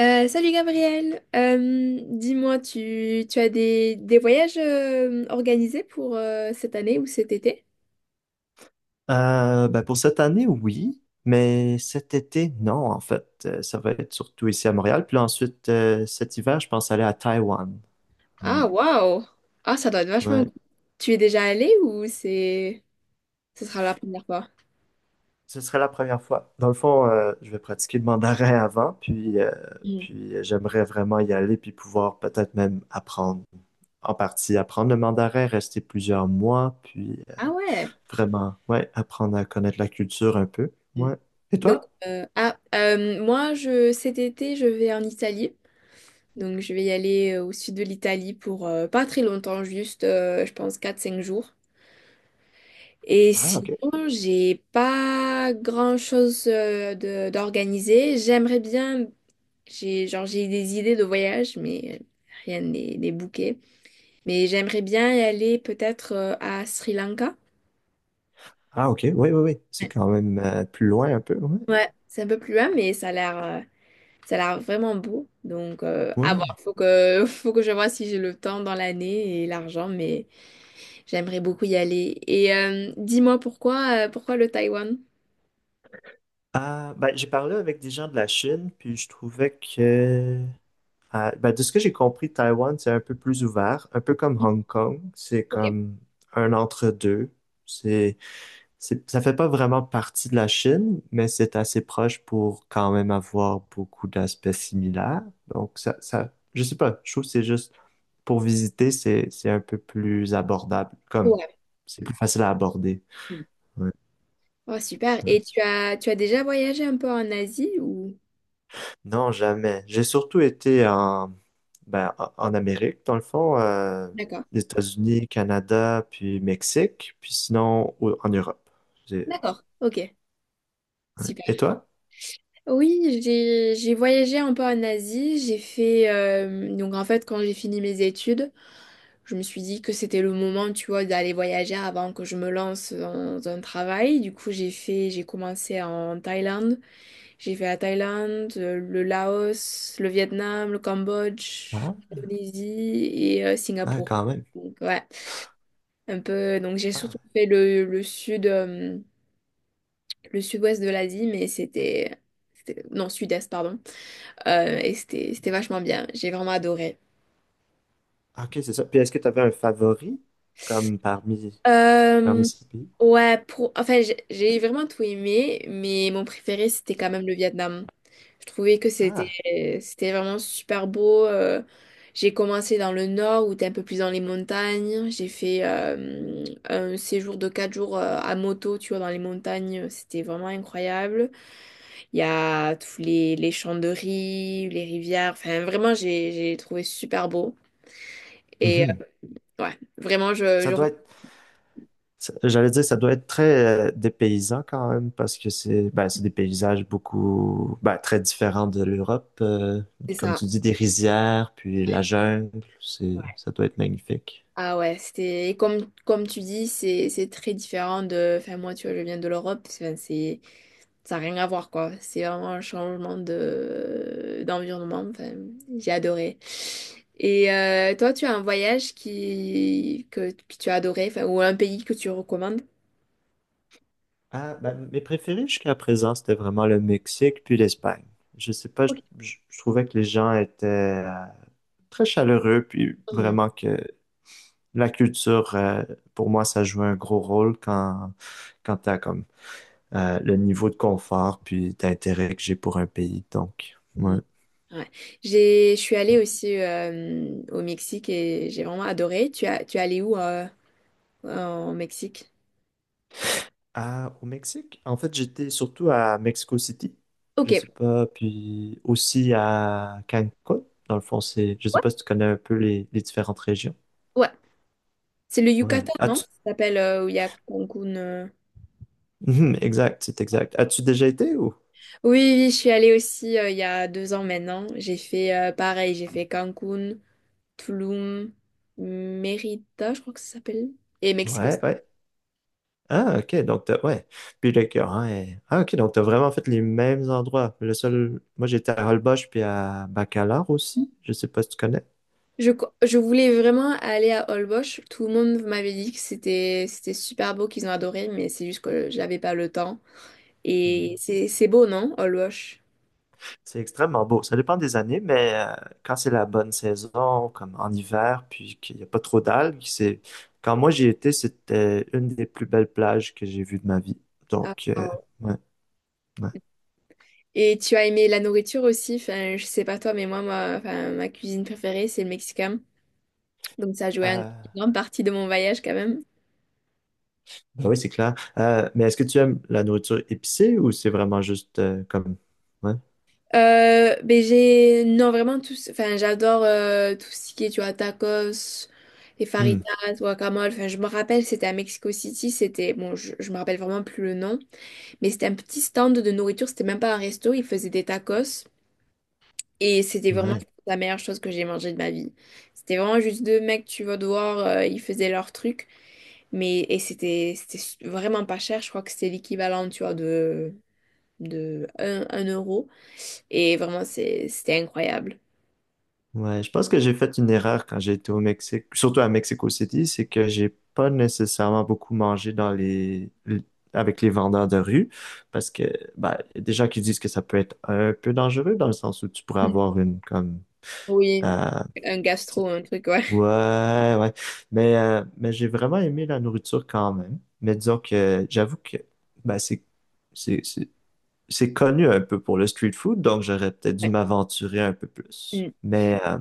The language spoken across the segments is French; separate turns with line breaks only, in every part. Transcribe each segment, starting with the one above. Salut Gabriel. Dis-moi, tu as des voyages organisés pour cette année ou cet été?
Ben pour cette année, oui, mais cet été, non, en fait. Ça va être surtout ici à Montréal. Puis là, ensuite, cet hiver, je pense aller à Taïwan. Ouais.
Ah, waouh! Ah, ça doit être vachement
Ouais.
cool. Tu es déjà allé ou c'est... Ce sera la première fois?
Ce serait la première fois. Dans le fond, je vais pratiquer le mandarin avant, puis, euh,
Mhm.
puis euh, j'aimerais vraiment y aller, puis pouvoir peut-être même apprendre en partie, apprendre le mandarin, rester plusieurs mois, puis
Ah, ouais!
vraiment, ouais, apprendre à connaître la culture un peu.
Mhm.
Ouais. Et
Donc,
toi?
moi, cet été, je vais en Italie. Donc, je vais y aller au sud de l'Italie pour pas très longtemps, juste, je pense, quatre cinq jours. Et
Ah,
sinon,
ok.
j'ai pas grand-chose de d'organiser. J'aimerais bien, j'ai des idées de voyage, mais rien n'est booké. Mais j'aimerais bien y aller peut-être à Sri Lanka.
Ah, ok. Oui, oui, oui. C'est
Ouais,
quand même plus loin un peu. Ouais.
Ouais, c'est un peu plus loin, mais ça a l'air vraiment beau. Donc à voir,
Ouais.
faut que faut que je vois si j'ai le temps dans l'année et l'argent, mais j'aimerais beaucoup y aller. Et dis-moi pourquoi le Taïwan?
Ah, ben, j'ai parlé avec des gens de la Chine, puis je trouvais que, ah, ben, de ce que j'ai compris, Taïwan, c'est un peu plus ouvert, un peu comme Hong Kong. C'est
Ok.
comme un entre-deux. C'est, c'est, ça fait pas vraiment partie de la Chine, mais c'est assez proche pour quand même avoir beaucoup d'aspects similaires. Donc, ça, je sais pas, je trouve que c'est juste, pour visiter, c'est un peu plus abordable, comme,
Ouais.
c'est plus facile à aborder. Ouais.
Oh, super.
Ouais.
Et tu as déjà voyagé un peu en Asie ou...
Non, jamais. J'ai surtout été ben, en Amérique, dans le fond,
D'accord.
les États-Unis, Canada, puis Mexique, puis sinon en Europe. J'ai-
D'accord. Ok.
ouais.
Super.
Et toi?
Oui, j'ai voyagé un peu en Asie. J'ai fait... donc en fait, quand j'ai fini mes études, je me suis dit que c'était le moment, tu vois, d'aller voyager avant que je me lance dans un travail. Du coup, j'ai commencé en Thaïlande. J'ai fait la Thaïlande, le Laos, le Vietnam, le Cambodge,
Ah,
l'Indonésie et
ah,
Singapour.
quand même.
Donc, ouais. Un peu. Donc j'ai
Ah,
surtout fait le sud, le sud-ouest de l'Asie, mais non, sud-est, pardon. Et c'était vachement bien. J'ai vraiment adoré.
ok, c'est ça. Puis est-ce que tu avais un favori comme parmi,
Euh,
ces pays?
ouais, enfin, j'ai vraiment tout aimé, mais mon préféré, c'était quand même le Vietnam. Je trouvais que
Ah,
c'était vraiment super beau. J'ai commencé dans le nord, où t'es un peu plus dans les montagnes. J'ai fait un séjour de 4 jours à moto, tu vois, dans les montagnes. C'était vraiment incroyable. Il y a tous les champs de riz, les rivières. Enfin, vraiment, j'ai trouvé super beau. Et
mhm.
ouais, vraiment, je,
Ça
je
doit
recommande
être. J'allais dire, ça doit être très dépaysant quand même, parce que c'est ben, c'est des paysages beaucoup ben, très différents de l'Europe. Comme
ça.
tu dis, des rizières, puis
Ouais.
la jungle, c'est,
Ouais.
ça doit être magnifique.
Ah ouais, c'était et comme tu dis, c'est très différent de. Enfin moi, tu vois, je viens de l'Europe. Enfin, c'est ça n'a rien à voir quoi. C'est vraiment un changement de d'environnement. Enfin, j'ai adoré. Et toi, tu as un voyage que tu as adoré, enfin, ou un pays que tu recommandes?
Ah, ben, mes préférés jusqu'à présent, c'était vraiment le Mexique puis l'Espagne. Je sais pas, je trouvais que les gens étaient très chaleureux, puis
Ok.
vraiment que la culture, pour moi, ça joue un gros rôle quand tu as comme le niveau de confort puis d'intérêt que j'ai pour un pays. Donc, ouais.
Mhm. Ouais. Je suis allée aussi au Mexique et j'ai vraiment adoré. Tu es allée où en Mexique?
Ah, au Mexique, en fait, j'étais surtout à Mexico City, je
Ok.
sais pas, puis aussi à Cancun. Dans le fond, c'est, je sais
Ouais.
pas si tu connais un peu les différentes régions.
Ouais. C'est le
Ouais.
Yucatan, non? Ça s'appelle où il y a Cancun.
Mhm, exact, c'est exact. As-tu déjà été ou?
Oui, oui, je suis allée aussi il y a 2 ans maintenant. J'ai fait pareil, j'ai fait Cancun, Tulum, Mérida, je crois que ça s'appelle, et Mexico
Ouais,
City.
ouais. Ah, ok, donc t'as, ouais. Puis le cœur, hein, Ah, ok, donc t'as vraiment fait les mêmes endroits. Le seul, moi j'étais à Holbox puis à Bacalar aussi. Je sais pas si tu connais.
Je voulais vraiment aller à Holbox. Tout le monde m'avait dit que c'était super beau, qu'ils ont adoré, mais c'est juste que j'avais pas le temps. Et c'est beau, non? Olbosch.
C'est extrêmement beau. Ça dépend des années, mais quand c'est la bonne saison, comme en hiver, puis qu'il n'y a pas trop d'algues, c'est. Quand moi j'y étais, c'était une des plus belles plages que j'ai vues de ma vie.
Ah,
Donc,
ah.
ouais, ouais.
Et tu as aimé la nourriture aussi? Enfin, je sais pas toi, mais moi, enfin, ma cuisine préférée, c'est le mexicain. Donc ça a joué une
Euh,
grande partie de mon voyage quand même.
ben oui, c'est clair. Mais est-ce que tu aimes la nourriture épicée ou c'est vraiment juste comme. Ouais.
Ben, j'ai... Non, vraiment, tout... enfin, j'adore tout ce qui est, tu vois, tacos, les
Hmm.
faritas, guacamole. Enfin, je me rappelle, c'était à Mexico City, c'était... Bon, je me rappelle vraiment plus le nom, mais c'était un petit stand de nourriture, c'était même pas un resto, ils faisaient des tacos. Et c'était vraiment
Ouais.
la meilleure chose que j'ai mangée de ma vie. C'était vraiment juste deux mecs, tu vas devoir ils faisaient leur truc. Mais, et c'était vraiment pas cher. Je crois que c'était l'équivalent, tu vois, de 1, un euro. Et vraiment, c'était incroyable.
Ouais, je pense que j'ai fait une erreur quand j'ai été au Mexique, surtout à Mexico City, c'est que j'ai pas nécessairement beaucoup mangé dans les avec les vendeurs de rue, parce que bah, y a des gens qui disent que ça peut être un peu dangereux dans le sens où tu pourrais
Mm.
avoir une comme
Oui,
euh,
un gastro, un truc, ouais.
ouais ouais, mais j'ai vraiment aimé la nourriture quand même. Mais disons que j'avoue que bah c'est c'est c'est connu un peu pour le street food, donc j'aurais peut-être dû
Ouais.
m'aventurer un peu plus.
Mm.
Mais euh,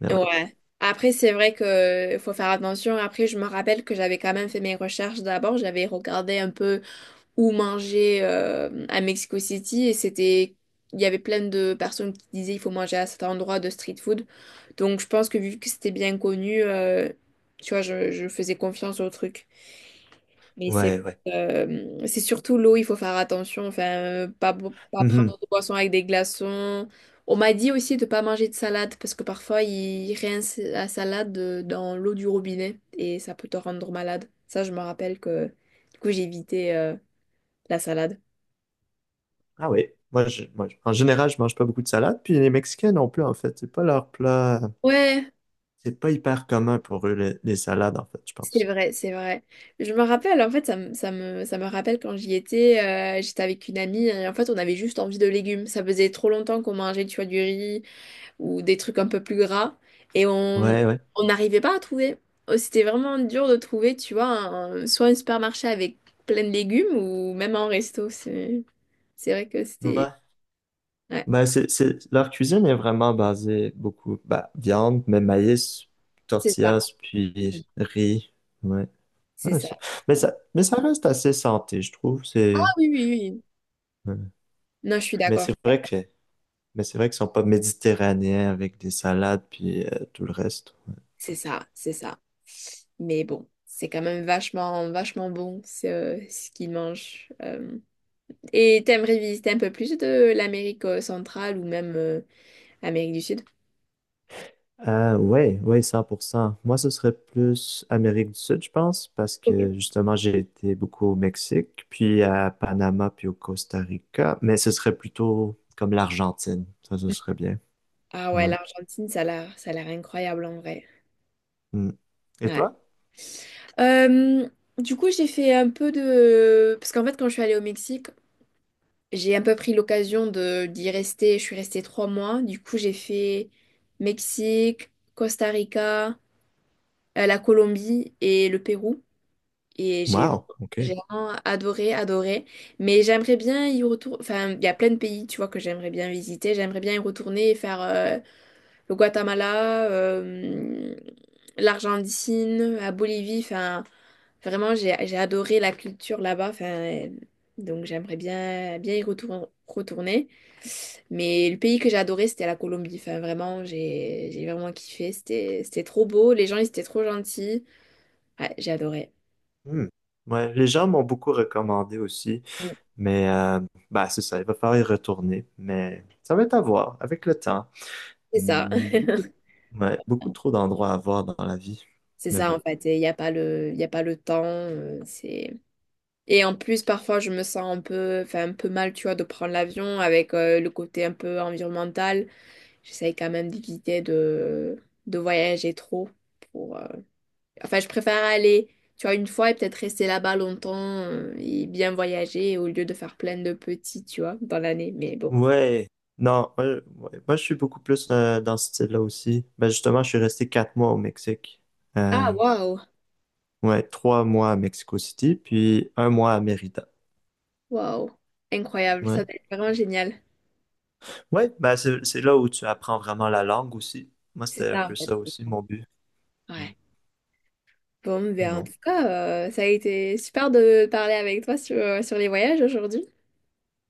mais ouais
Ouais. Après, c'est vrai que faut faire attention. Après, je me rappelle que j'avais quand même fait mes recherches d'abord. J'avais regardé un peu ou manger à Mexico City et c'était il y avait plein de personnes qui disaient il faut manger à cet endroit de street food. Donc je pense que vu que c'était bien connu, tu vois, je faisais confiance au truc. Mais c'est
ouais ouais.
c'est surtout l'eau, il faut faire attention, enfin pas
Mhm.
prendre de boisson avec des glaçons. On m'a dit aussi de pas manger de salade parce que parfois ils rincent la salade dans l'eau du robinet et ça peut te rendre malade. Ça, je me rappelle que du coup j'ai évité la salade.
Ah oui, en général, je mange pas beaucoup de salade, puis les Mexicains non plus, en fait. C'est pas leur plat.
Ouais,
C'est pas hyper commun pour eux, les salades, en fait, je
c'est
pense.
vrai, c'est vrai. Je me rappelle, en fait, ça me rappelle quand j'y étais, j'étais avec une amie et en fait, on avait juste envie de légumes. Ça faisait trop longtemps qu'on mangeait, tu vois, du riz ou des trucs un peu plus gras et on
Ouais, ouais.
on n'arrivait pas à trouver. C'était vraiment dur de trouver, tu vois, soit un supermarché avec plein de légumes ou même un resto. C'est vrai que c'était...
Ouais.
Ouais,
Ben, leur cuisine est vraiment basée beaucoup, bah viande, mais maïs,
c'est ça,
tortillas, puis riz. Ouais.
c'est
Ouais,
ça.
mais ça reste assez santé, je trouve.
Ah oui, oui, oui.
Ouais.
Non, je suis
mais
d'accord.
c'est vrai que, mais c'est vrai qu'ils sont pas méditerranéens avec des salades, puis tout le reste.
C'est ça, c'est ça. Mais bon, c'est quand même vachement, vachement bon ce qu'ils mangent. Et t'aimerais visiter un peu plus de l'Amérique centrale ou même Amérique du Sud?
Ouais, ouais, 100%. Moi, ce serait plus Amérique du Sud, je pense, parce
Ok.
que justement, j'ai été beaucoup au Mexique, puis à Panama, puis au Costa Rica, mais ce serait plutôt comme l'Argentine. Ça, ce serait bien.
Ah ouais,
Ouais.
l'Argentine, ça a l'air incroyable en vrai.
Mm. Et
Ouais.
toi?
Euh, du coup, j'ai fait un peu de... Parce qu'en fait, quand je suis allée au Mexique, j'ai un peu pris l'occasion de d'y rester. Je suis restée 3 mois. Du coup, j'ai fait Mexique, Costa Rica, la Colombie et le Pérou. Et j'ai
Wow,
j'ai
OK.
vraiment adoré, adoré. Mais j'aimerais bien y retourner. Enfin, il y a plein de pays, tu vois, que j'aimerais bien visiter. J'aimerais bien y retourner et faire le Guatemala, l'Argentine, la Bolivie. Enfin, vraiment, j'ai adoré la culture là-bas. Enfin, donc j'aimerais bien retourner. Mais le pays que j'ai adoré, c'était la Colombie. Enfin, vraiment, j'ai vraiment kiffé. C'était trop beau. Les gens, ils étaient trop gentils. Ouais, j'ai adoré.
Hmm. Ouais, les gens m'ont beaucoup recommandé aussi,
Mm.
mais bah, c'est ça, il va falloir y retourner, mais ça va être à voir avec le temps.
C'est ça.
Hmm. Ouais, beaucoup trop d'endroits à voir dans la vie,
C'est
mais
ça en
bon.
fait, il n'y a pas le, il a pas le temps. C'est... Et en plus, parfois, je me sens un peu, enfin, un peu mal, tu vois, de prendre l'avion avec le côté un peu environnemental. J'essaye quand même d'éviter de voyager trop. Pour, euh, Enfin, je préfère aller, tu vois, une fois et peut-être rester là-bas longtemps et bien voyager au lieu de faire plein de petits, tu vois, dans l'année. Mais bon.
Ouais, non, ouais. Moi, je suis beaucoup plus dans ce style-là aussi. Ben justement, je suis resté 4 mois au Mexique. Euh,
Ah, waouh!
ouais, 3 mois à Mexico City, puis un mois à Mérida.
Waouh! Incroyable, ça
Ouais,
va être vraiment génial.
ouais, ben c'est là où tu apprends vraiment la langue aussi. Moi,
C'est
c'était un
ça
peu
en fait.
ça
C'est
aussi
ça.
mon but. Ouais,
Ouais. Bon,
mais
ben en
bon.
tout cas, ça a été super de parler avec toi sur les voyages aujourd'hui.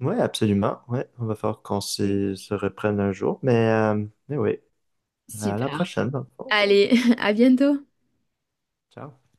Ouais, absolument. Ouais, on va falloir qu'on
Oui.
se reprenne un jour, mais oui, à la
Super.
prochaine dans le fond.
Allez, à bientôt.
Ciao.